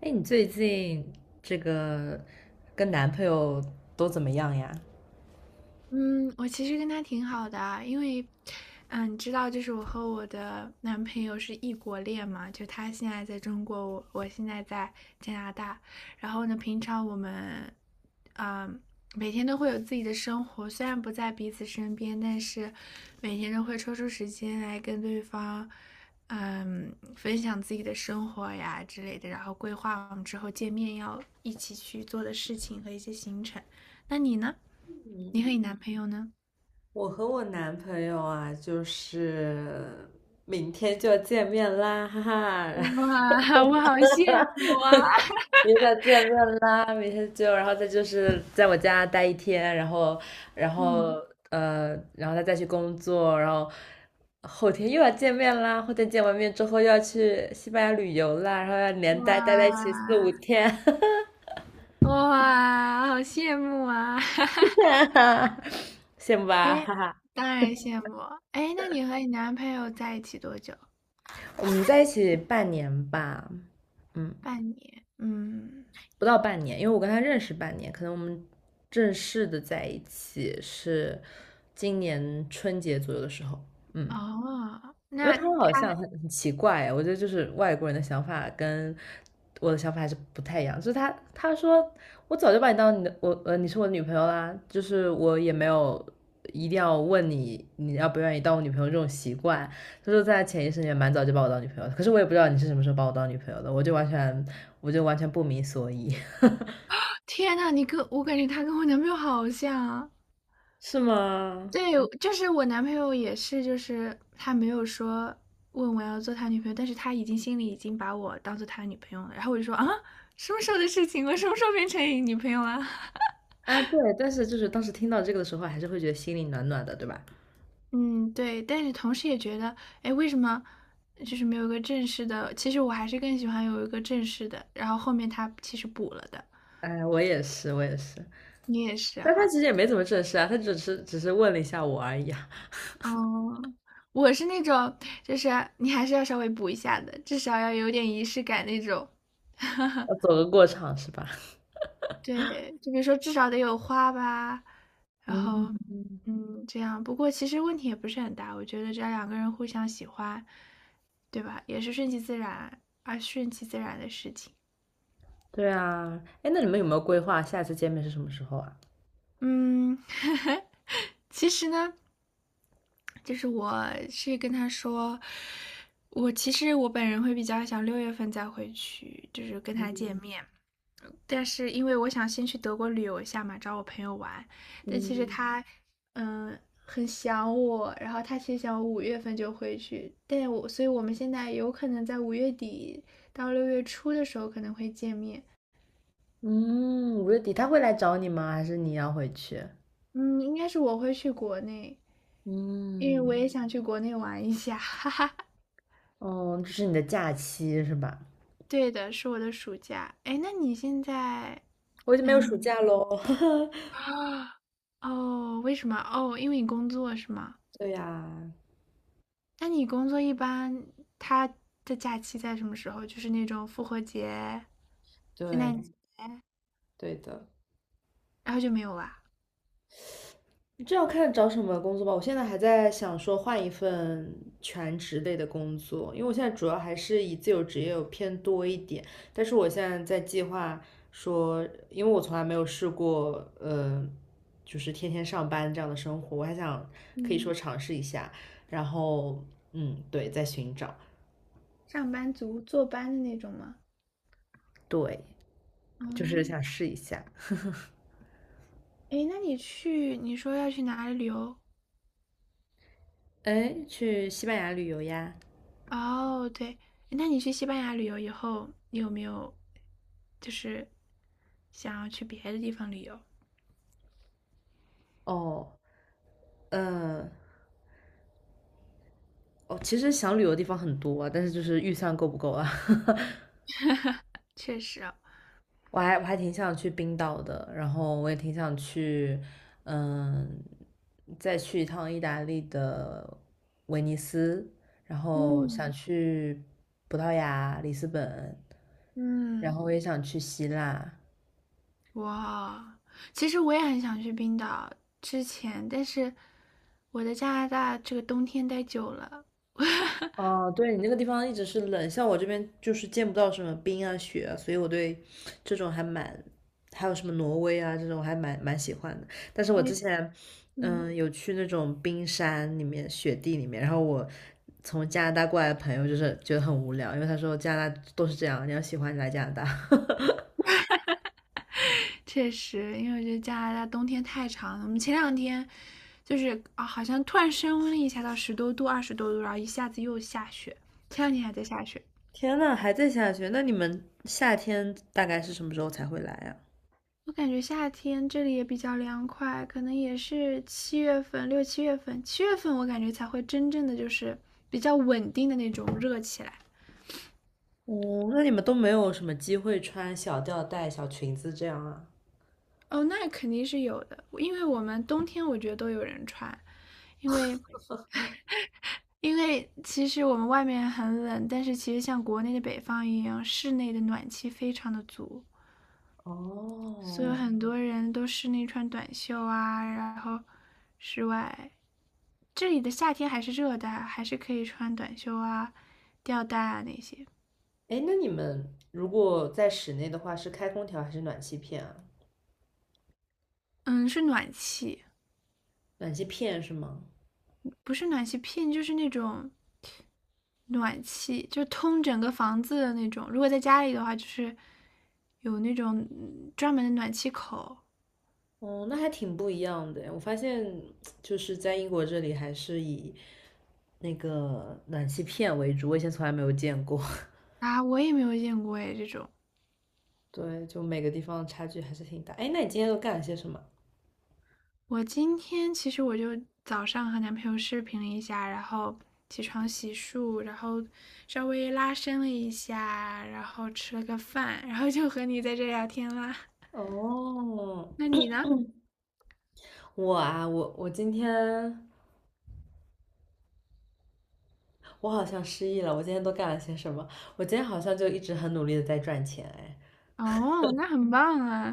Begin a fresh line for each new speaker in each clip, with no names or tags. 哎，你最近这个跟男朋友都怎么样呀？
嗯，我其实跟他挺好的啊，因为，你知道，就是我和我的男朋友是异国恋嘛，就他现在在中国，我现在在加拿大，然后呢，平常我们，嗯，每天都会有自己的生活，虽然不在彼此身边，但是每天都会抽出时间来跟对方，分享自己的生活呀之类的，然后规划我们之后见面要一起去做的事情和一些行程。那你呢？你和你男朋友呢？
我和我男朋友啊，就是明天就要见面啦，哈哈，
哇，我好羡 慕啊！
明天就要见面啦，明天就，然后再就是在我家待一天，然后，
嗯，
然后他再去工作，然后后天又要见面啦，后天见完面之后又要去西班牙旅游啦，然后要连
哇
待在一起四五天，
哇，好羡慕啊！
羡慕吧，
哎，
哈哈。
当然羡慕。哎，那你和你男朋友在一起多久？
我们在一起半年吧，嗯，
半年。嗯，
不到半年，因为我跟他认识半年，可能我们正式的在一起是今年春节左右的时候，嗯，
哦，
因为
那
他
他，
们好像很奇怪哎我觉得就是外国人的想法跟我的想法还是不太一样。就是他说我早就把你当你是我的女朋友啦，就是我也没有一定要问你你要不愿意当我女朋友这种习惯。他说在潜意识里面蛮早就把我当女朋友的，可是我也不知道你是什么时候把我当女朋友的，我就完全不明所以。
天呐，你跟我感觉他跟我男朋友好像啊。
是吗？
对，就是我男朋友也是，就是他没有说问我要做他女朋友，但是他已经心里已经把我当做他女朋友了。然后我就说啊，什么时候的事情？我什么时候变成你女朋友了？
啊，对，但是就是当时听到这个的时候，还是会觉得心里暖暖的，对吧？
嗯，对。但是同时也觉得，哎，为什么就是没有一个正式的？其实我还是更喜欢有一个正式的。然后后面他其实补了的，
哎，我也是，我也是。
你也是
但他
哈。
其实也没怎么正式啊，他只是问了一下我而已啊，
嗯，我是那种，就是你还是要稍微补一下的，至少要有点仪式感那种。
要走个过场是吧？
对，就比如说至少得有花吧，然后，
嗯，
这样。不过其实问题也不是很大，我觉得只要两个人互相喜欢，对吧？也是顺其自然，而顺其自然的事情。
对啊，哎，那你们有没有规划下次见面是什么时候啊？
嗯，其实呢，就是我是跟他说，我其实我本人会比较想6月份再回去，就是跟他见面。但是因为我想先去德国旅游一下嘛，找我朋友玩，但其实
嗯，
他，嗯，很想我，然后他其实想我5月份就回去，但我，所以我们现在有可能在5月底到6月初的时候可能会见面，
嗯，5月底他会来找你吗？还是你要回去？
嗯，应该是我会去国内，因为我
嗯，
也想去国内玩一下，哈哈。
哦，这是你的假期是吧？
对的，是我的暑假。哎，那你现在，
我已经没有暑
嗯，
假喽。
啊，哦，为什么？哦，因为你工作是吗？
对呀，
那你工作一般，他的假期在什么时候？就是那种复活节、圣
对，
诞节，
对的。
然后就没有啦。
这要看找什么工作吧。我现在还在想说换一份全职类的工作，因为我现在主要还是以自由职业偏多一点。但是我现在在计划说，因为我从来没有试过，就是天天上班这样的生活，我还想可以说
嗯，
尝试一下。然后，嗯，对，在寻找，
上班族坐班的那种吗？
对，
哦，
就是想试一下。
诶，那你去，你说要去哪里旅游？
哎，去西班牙旅游呀？
哦，对，那你去西班牙旅游以后，你有没有就是想要去别的地方旅游？
哦，嗯。哦，其实想旅游的地方很多啊，但是就是预算够不够啊？
确实啊，
我还挺想去冰岛的，然后我也挺想去，嗯，再去一趟意大利的威尼斯，然后想
嗯，
去葡萄牙里斯本，然
嗯，
后我也想去希腊，
哇，其实我也很想去冰岛，之前，但是我在加拿大这个冬天待久了，
哦，对，你那个地方一直是冷，像我这边就是见不到什么冰啊雪啊，所以我对这种还蛮，还有什么挪威啊这种还蛮喜欢的。但是我
我
之
也
前，
嗯，
有去那种冰山里面、雪地里面，然后我从加拿大过来的朋友就是觉得很无聊，因为他说加拿大都是这样，你要喜欢你来加拿大。
确实，因为我觉得加拿大冬天太长了。我们前两天就是啊，好像突然升温了一下到十多度、20多度，然后一下子又下雪，前两天还在下雪。
天呐，还在下雪，那你们夏天大概是什么时候才会来啊？
我感觉夏天这里也比较凉快，可能也是七月份、6、7月份，七月份我感觉才会真正的就是比较稳定的那种热起来。
哦，那你们都没有什么机会穿小吊带、小裙子这样啊？
哦，那肯定是有的，因为我们冬天我觉得都有人穿，因为因为其实我们外面很冷，但是其实像国内的北方一样，室内的暖气非常的足，所以
哦，
很多人都室内穿短袖啊，然后室外这里的夏天还是热的，还是可以穿短袖啊、吊带啊那些。
哎，那你们如果在室内的话，是开空调还是暖气片啊？
嗯，是暖气，
暖气片是吗？
不是暖气片，就是那种暖气，就通整个房子的那种。如果在家里的话，就是有那种专门的暖气口
哦，那还挺不一样的诶。我发现就是在英国这里，还是以那个暖气片为主，我以前从来没有见过。
啊，我也没有见过哎，这种。
对，就每个地方差距还是挺大。哎，那你今天都干了些什么？
我今天其实我就早上和男朋友视频了一下，然后起床洗漱，然后稍微拉伸了一下，然后吃了个饭，然后就和你在这聊天啦。
哦，
那你呢？
我啊，我今天我好像失忆了。我今天都干了些什么？我今天好像就一直很努力的在赚钱，
哦，那很棒啊！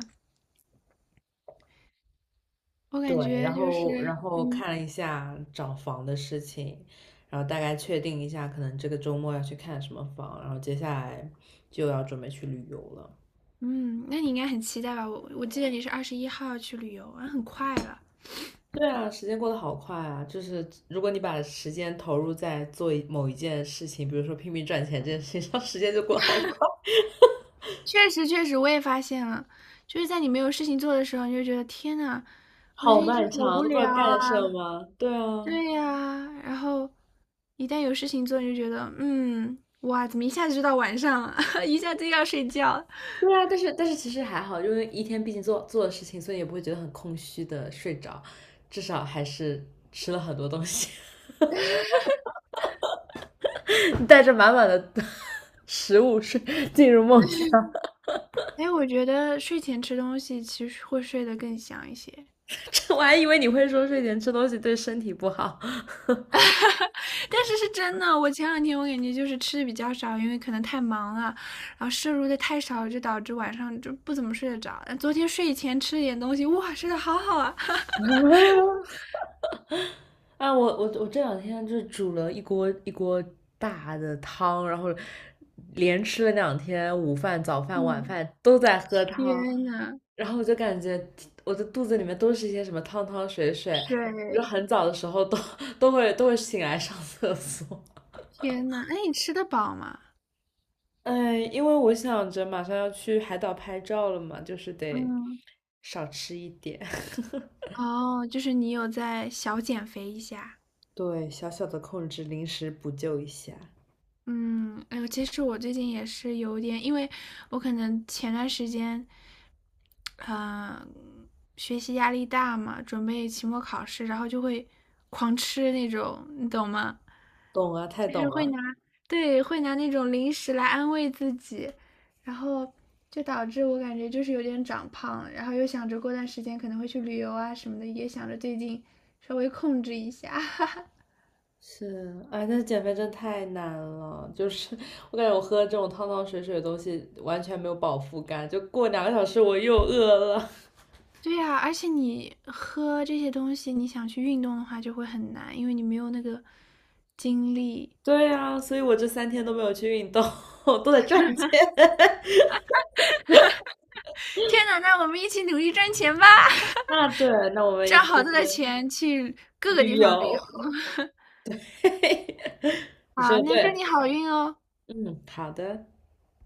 我
对，
感觉
然
就
后然
是，
后
嗯
看了一下找房的事情，然后大概确定一下，可能这个周末要去看什么房，然后接下来就要准备去旅游了。
嗯，那你应该很期待吧？我记得你是21号去旅游啊，很快了。
对啊，时间过得好快啊！就是如果你把时间投入在做某一件事情，比如说拼命赚钱这件事情上，时间就过得好快，
确实确实，我也发现了，就是在你没有事情做的时候，你就觉得天呐，我这
好
一天
漫
好
长，
无
都不知
聊
道
啊。
干什么。对啊，
对呀，然后一旦有事情做，你就觉得哇，怎么一下子就到晚上了，一下子又要睡觉了。
对啊，但是其实还好，因为一天毕竟做的事情，所以也不会觉得很空虚的睡着，至少还是吃了很多东西。带着满满的食物睡进入梦乡。
哎，我觉得睡前吃东西其实会睡得更香一些，
这我还以为你会说睡前吃东西对身体不好。
但是是真的，我前两天我感觉就是吃的比较少，因为可能太忙了，然后摄入的太少，就导致晚上就不怎么睡得着。昨天睡前吃了点东西，哇，睡得好好啊。
啊，我这两天就煮了一锅一锅大的汤，然后连吃了两天午饭、早饭、晚
嗯。
饭都在喝汤，
天呐，
然后我就感觉我的肚子里面都是一些什么汤汤水水，就
水，
很早的时候都会醒来上厕所。
天呐，那你吃得饱吗？
嗯，因为我想着马上要去海岛拍照了嘛，就是得
嗯，
少吃一点。
哦，就是你有在小减肥一下。
对，小小的控制，临时补救一下。
嗯，哎呦，其实我最近也是有点，因为我可能前段时间，呃，学习压力大嘛，准备期末考试，然后就会狂吃那种，你懂吗？
懂啊，太
就是
懂
会
了。
拿，对，会拿那种零食来安慰自己，然后就导致我感觉就是有点长胖，然后又想着过段时间可能会去旅游啊什么的，也想着最近稍微控制一下。
是，哎，但是减肥真太难了，就是 我感觉我喝这种汤汤水水的东西完全没有饱腹感，就过2个小时我又饿了。
对呀，而且你喝这些东西，你想去运动的话就会很难，因为你没有那个精力。
对呀，所以我这3天都没有去运动，都在赚钱。
天呐，那我们一起努力赚钱吧，
那 对，那我们
赚
一起
好多的
去
钱去各个地
旅
方旅
游。
游。
你说
好，
的
那祝
对，
你好运哦。
嗯，好的。